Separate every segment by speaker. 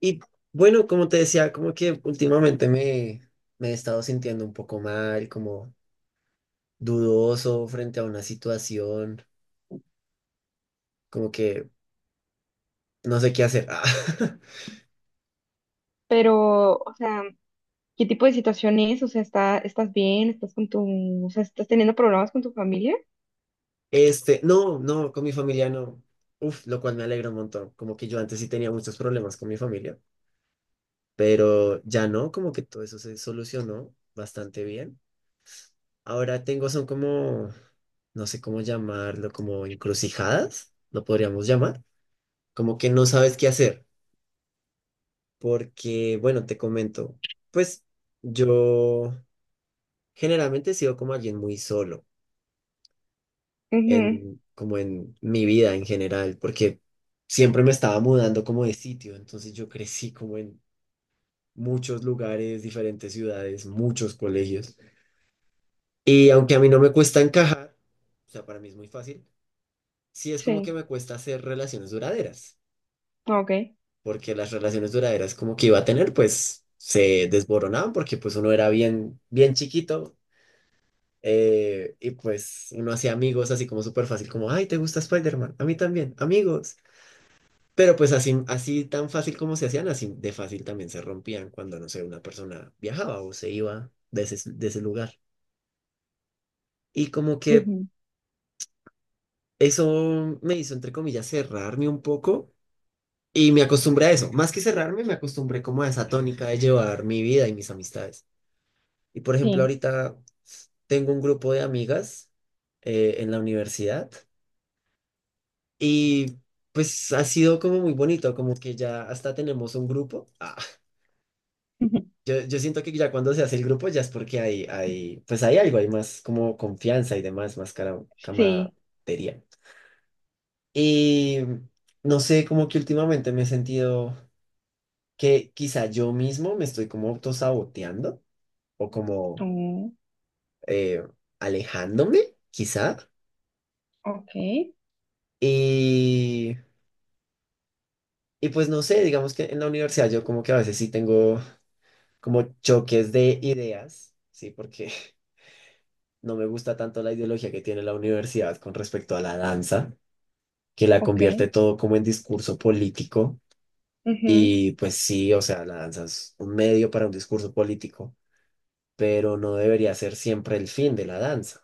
Speaker 1: Y bueno, como te decía, como que últimamente me he estado sintiendo un poco mal, como dudoso frente a una situación, como que no sé qué hacer. Ah,
Speaker 2: Pero, o sea, ¿qué tipo de situación es? O sea, estás bien? ¿Estás con o sea, estás teniendo problemas con tu familia?
Speaker 1: Este, no, no, con mi familia no. Uf, lo cual me alegra un montón. Como que yo antes sí tenía muchos problemas con mi familia, pero ya no, como que todo eso se solucionó bastante bien. Ahora tengo, son como, no sé cómo llamarlo, como encrucijadas, lo podríamos llamar, como que no sabes qué hacer porque, bueno, te comento, pues yo generalmente he sido como alguien muy solo
Speaker 2: Ujú.
Speaker 1: como en mi vida en general, porque siempre me estaba mudando como de sitio, entonces yo crecí como en muchos lugares, diferentes ciudades, muchos colegios, y aunque a mí no me cuesta encajar, o sea, para mí es muy fácil, sí es como que
Speaker 2: Sí,
Speaker 1: me cuesta hacer relaciones duraderas,
Speaker 2: ok.
Speaker 1: porque las relaciones duraderas como que iba a tener, pues se desboronaban porque pues uno era bien, bien chiquito. Y pues uno hacía amigos así como súper fácil, como, ay, ¿te gusta Spider-Man? A mí también, amigos. Pero pues así, así tan fácil como se hacían, así de fácil también se rompían cuando, no sé, una persona viajaba o se iba de de ese lugar. Y como que
Speaker 2: Ujú.
Speaker 1: eso me hizo, entre comillas, cerrarme un poco y me acostumbré a eso. Más que cerrarme, me acostumbré como a esa tónica de llevar mi vida y mis amistades. Y por ejemplo,
Speaker 2: Sí,
Speaker 1: ahorita tengo un grupo de amigas en la universidad. Y pues ha sido como muy bonito, como que ya hasta tenemos un grupo.
Speaker 2: ujú,
Speaker 1: Yo siento que ya cuando se hace el grupo ya es porque pues hay algo, hay más como confianza y demás, más
Speaker 2: sí.
Speaker 1: camaradería. Y no sé, como que últimamente me he sentido que quizá yo mismo me estoy como autosaboteando o como
Speaker 2: Mm.
Speaker 1: eh, alejándome, quizá.
Speaker 2: Ok,
Speaker 1: Y, y pues no sé, digamos que en la universidad yo como que a veces sí tengo como choques de ideas, ¿sí? Porque no me gusta tanto la ideología que tiene la universidad con respecto a la danza, que la
Speaker 2: ok.
Speaker 1: convierte todo como en discurso político.
Speaker 2: Ujú.
Speaker 1: Y pues sí, o sea, la danza es un medio para un discurso político, pero no debería ser siempre el fin de la danza.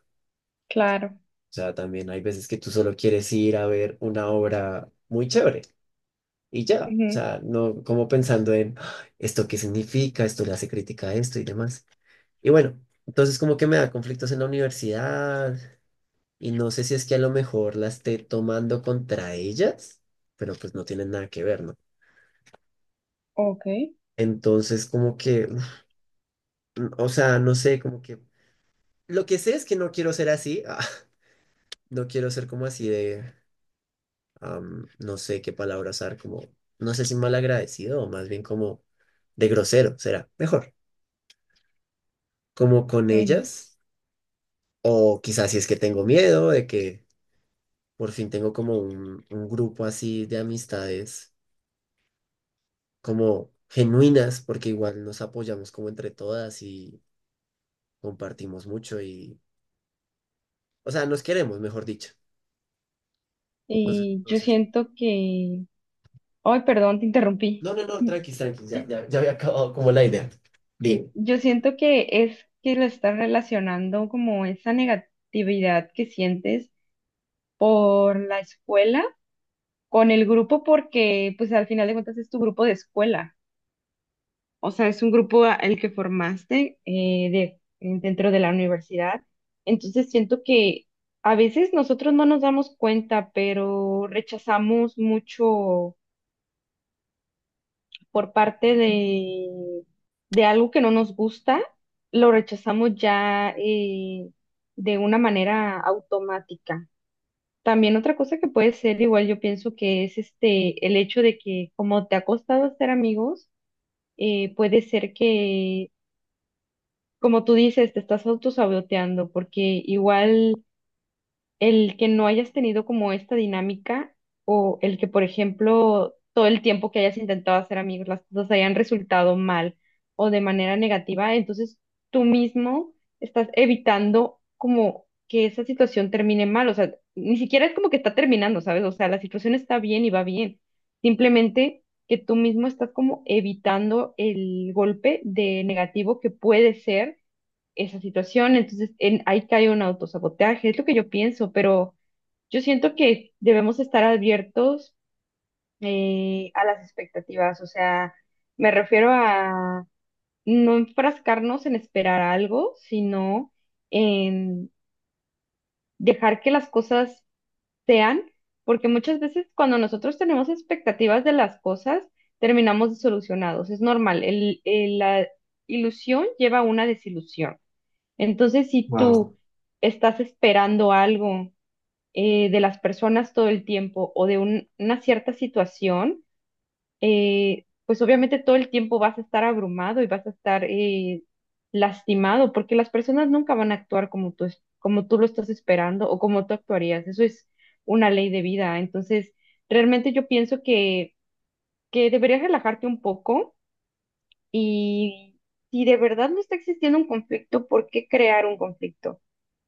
Speaker 2: Claro.
Speaker 1: O sea, también hay veces que tú solo quieres ir a ver una obra muy chévere y ya. O
Speaker 2: Ujú.
Speaker 1: sea, no como pensando en "Ah, esto qué significa, esto le hace crítica a esto y demás". Y bueno, entonces como que me da conflictos en la universidad y no sé si es que a lo mejor la esté tomando contra ellas, pero pues no tienen nada que ver, ¿no?
Speaker 2: Ok.
Speaker 1: Entonces como que, uf, o sea, no sé, como que lo que sé es que no quiero ser así, ah, no quiero ser como así de, am, no sé qué palabra usar, como, no sé si malagradecido o más bien como de grosero, será mejor, como con
Speaker 2: Ujú.
Speaker 1: ellas, o quizás si es que tengo miedo de que. Por fin tengo como un grupo así de amistades, como genuinas, porque igual nos apoyamos como entre todas y compartimos mucho y, o sea, nos queremos, mejor dicho. Entonces,
Speaker 2: Y yo
Speaker 1: entonces,
Speaker 2: siento que. Ay, perdón, te interrumpí.
Speaker 1: no, no, no, tranqui, tranqui, ya, ya, ya había acabado como la idea. Bien.
Speaker 2: Yo siento que es que lo estás relacionando como esa negatividad que sientes por la escuela, con el grupo porque pues al final de cuentas es tu grupo de escuela, o sea, es un grupo el que formaste dentro de la universidad. Entonces siento que a veces nosotros no nos damos cuenta, pero rechazamos mucho por parte de algo que no nos gusta, lo rechazamos ya de una manera automática. También otra cosa que puede ser, igual yo pienso que es este, el hecho de que como te ha costado hacer amigos, puede ser que, como tú dices, te estás autosaboteando, porque igual el que no hayas tenido como esta dinámica o el que, por ejemplo, todo el tiempo que hayas intentado hacer amigos, las cosas hayan resultado mal o de manera negativa, entonces tú mismo estás evitando como que esa situación termine mal, o sea, ni siquiera es como que está terminando, ¿sabes? O sea, la situación está bien y va bien, simplemente que tú mismo estás como evitando el golpe de negativo que puede ser esa situación. Entonces, ahí cae un autosabotaje, es lo que yo pienso, pero yo siento que debemos estar abiertos a las expectativas, o sea, me refiero a no enfrascarnos en esperar algo, sino en dejar que las cosas sean, porque muchas veces cuando nosotros tenemos expectativas de las cosas, terminamos desilusionados, es normal, la ilusión lleva a una desilusión. Entonces, si
Speaker 1: Wow,
Speaker 2: tú estás esperando algo de las personas todo el tiempo o de una cierta situación, pues obviamente todo el tiempo vas a estar abrumado y vas a estar lastimado porque las personas nunca van a actuar como como tú lo estás esperando o como tú actuarías. Eso es una ley de vida. Entonces, realmente yo pienso que deberías relajarte un poco y si de verdad no está existiendo un conflicto, ¿por qué crear un conflicto?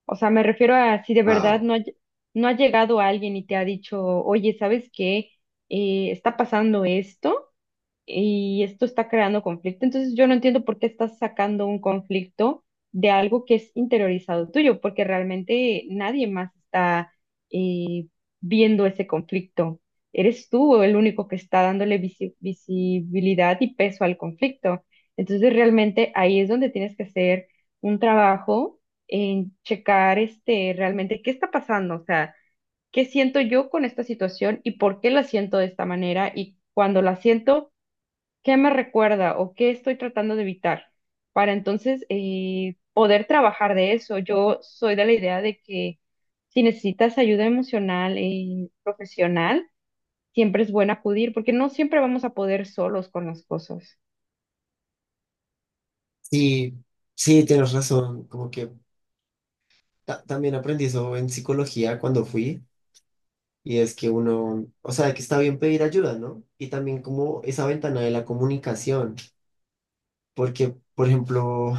Speaker 2: O sea, me refiero a si de verdad
Speaker 1: wow.
Speaker 2: no ha llegado alguien y te ha dicho, oye, ¿sabes qué? Está pasando esto y esto está creando conflicto. Entonces yo no entiendo por qué estás sacando un conflicto de algo que es interiorizado tuyo, porque realmente nadie más está eh, viendo ese conflicto. Eres tú el único que está dándole visibilidad y peso al conflicto. Entonces realmente ahí es donde tienes que hacer un trabajo en checar este realmente qué está pasando, o sea, qué siento yo con esta situación y por qué la siento de esta manera y cuando la siento qué me recuerda o qué estoy tratando de evitar para entonces poder trabajar de eso. Yo soy de la idea de que si necesitas ayuda emocional y profesional, siempre es bueno acudir porque no siempre vamos a poder solos con las cosas.
Speaker 1: Sí, sí, tienes razón. Como que también aprendí eso en psicología cuando fui. Y es que uno, o sea, que está bien pedir ayuda, ¿no? Y también como esa ventana de la comunicación. Porque, por ejemplo,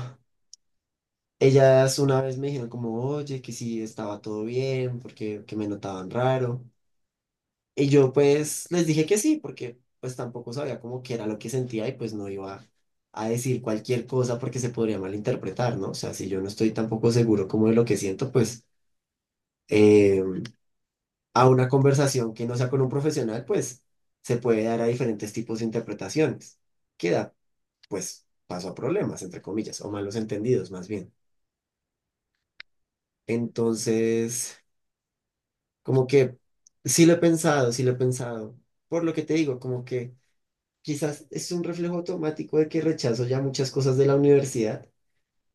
Speaker 1: ellas una vez me dijeron como, oye, que sí estaba todo bien, porque que me notaban raro. Y yo pues les dije que sí, porque pues tampoco sabía cómo que era lo que sentía y pues no iba a decir cualquier cosa porque se podría malinterpretar, ¿no? O sea, si yo no estoy tampoco seguro como de lo que siento, pues eh, a una conversación que no sea con un profesional, pues se puede dar a diferentes tipos de interpretaciones. Queda pues paso a problemas, entre comillas, o malos entendidos más bien. Entonces, como que sí lo he pensado, sí lo he pensado. Por lo que te digo, como que quizás es un reflejo automático de que rechazo ya muchas cosas de la universidad.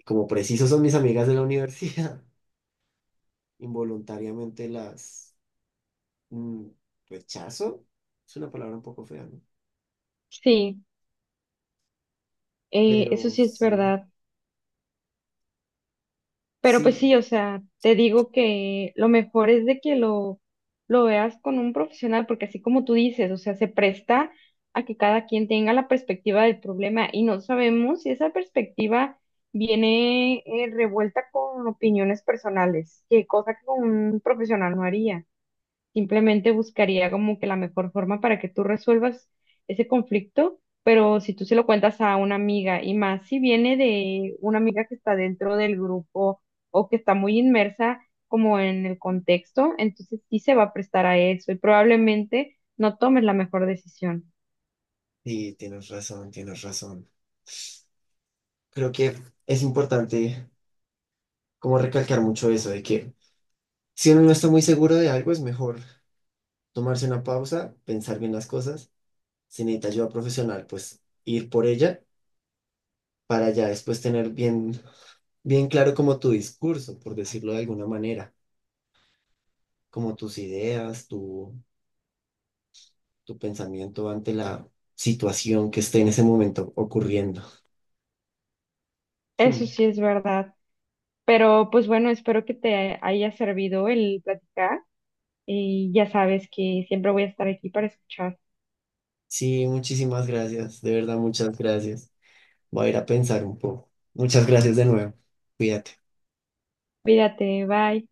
Speaker 1: Como preciso son mis amigas de la universidad, involuntariamente las mm, rechazo. Es una palabra un poco fea, ¿no?
Speaker 2: Sí, eso
Speaker 1: Pero
Speaker 2: sí es
Speaker 1: sí,
Speaker 2: verdad. Pero pues sí,
Speaker 1: sí,
Speaker 2: o sea, te digo que lo mejor es de que lo veas con un profesional, porque así como tú dices, o sea, se presta a que cada quien tenga la perspectiva del problema y no sabemos si esa perspectiva viene revuelta con opiniones personales, que cosa que un profesional no haría. Simplemente buscaría como que la mejor forma para que tú resuelvas ese conflicto, pero si tú se lo cuentas a una amiga y más si viene de una amiga que está dentro del grupo o que está muy inmersa como en el contexto, entonces sí se va a prestar a eso y probablemente no tomes la mejor decisión.
Speaker 1: sí, tienes razón, tienes razón. Creo que es importante como recalcar mucho eso de que si uno no está muy seguro de algo es mejor tomarse una pausa, pensar bien las cosas. Si necesita ayuda profesional, pues ir por ella para ya después tener bien claro como tu discurso, por decirlo de alguna manera, como tus ideas, tu pensamiento ante la situación que esté en ese momento ocurriendo.
Speaker 2: Eso
Speaker 1: Hmm.
Speaker 2: sí es verdad, pero pues bueno, espero que te haya servido el platicar y ya sabes que siempre voy a estar aquí para escuchar.
Speaker 1: Sí, muchísimas gracias, de verdad, muchas gracias. Voy a ir a pensar un poco. Muchas gracias de nuevo. Cuídate.
Speaker 2: Cuídate, bye.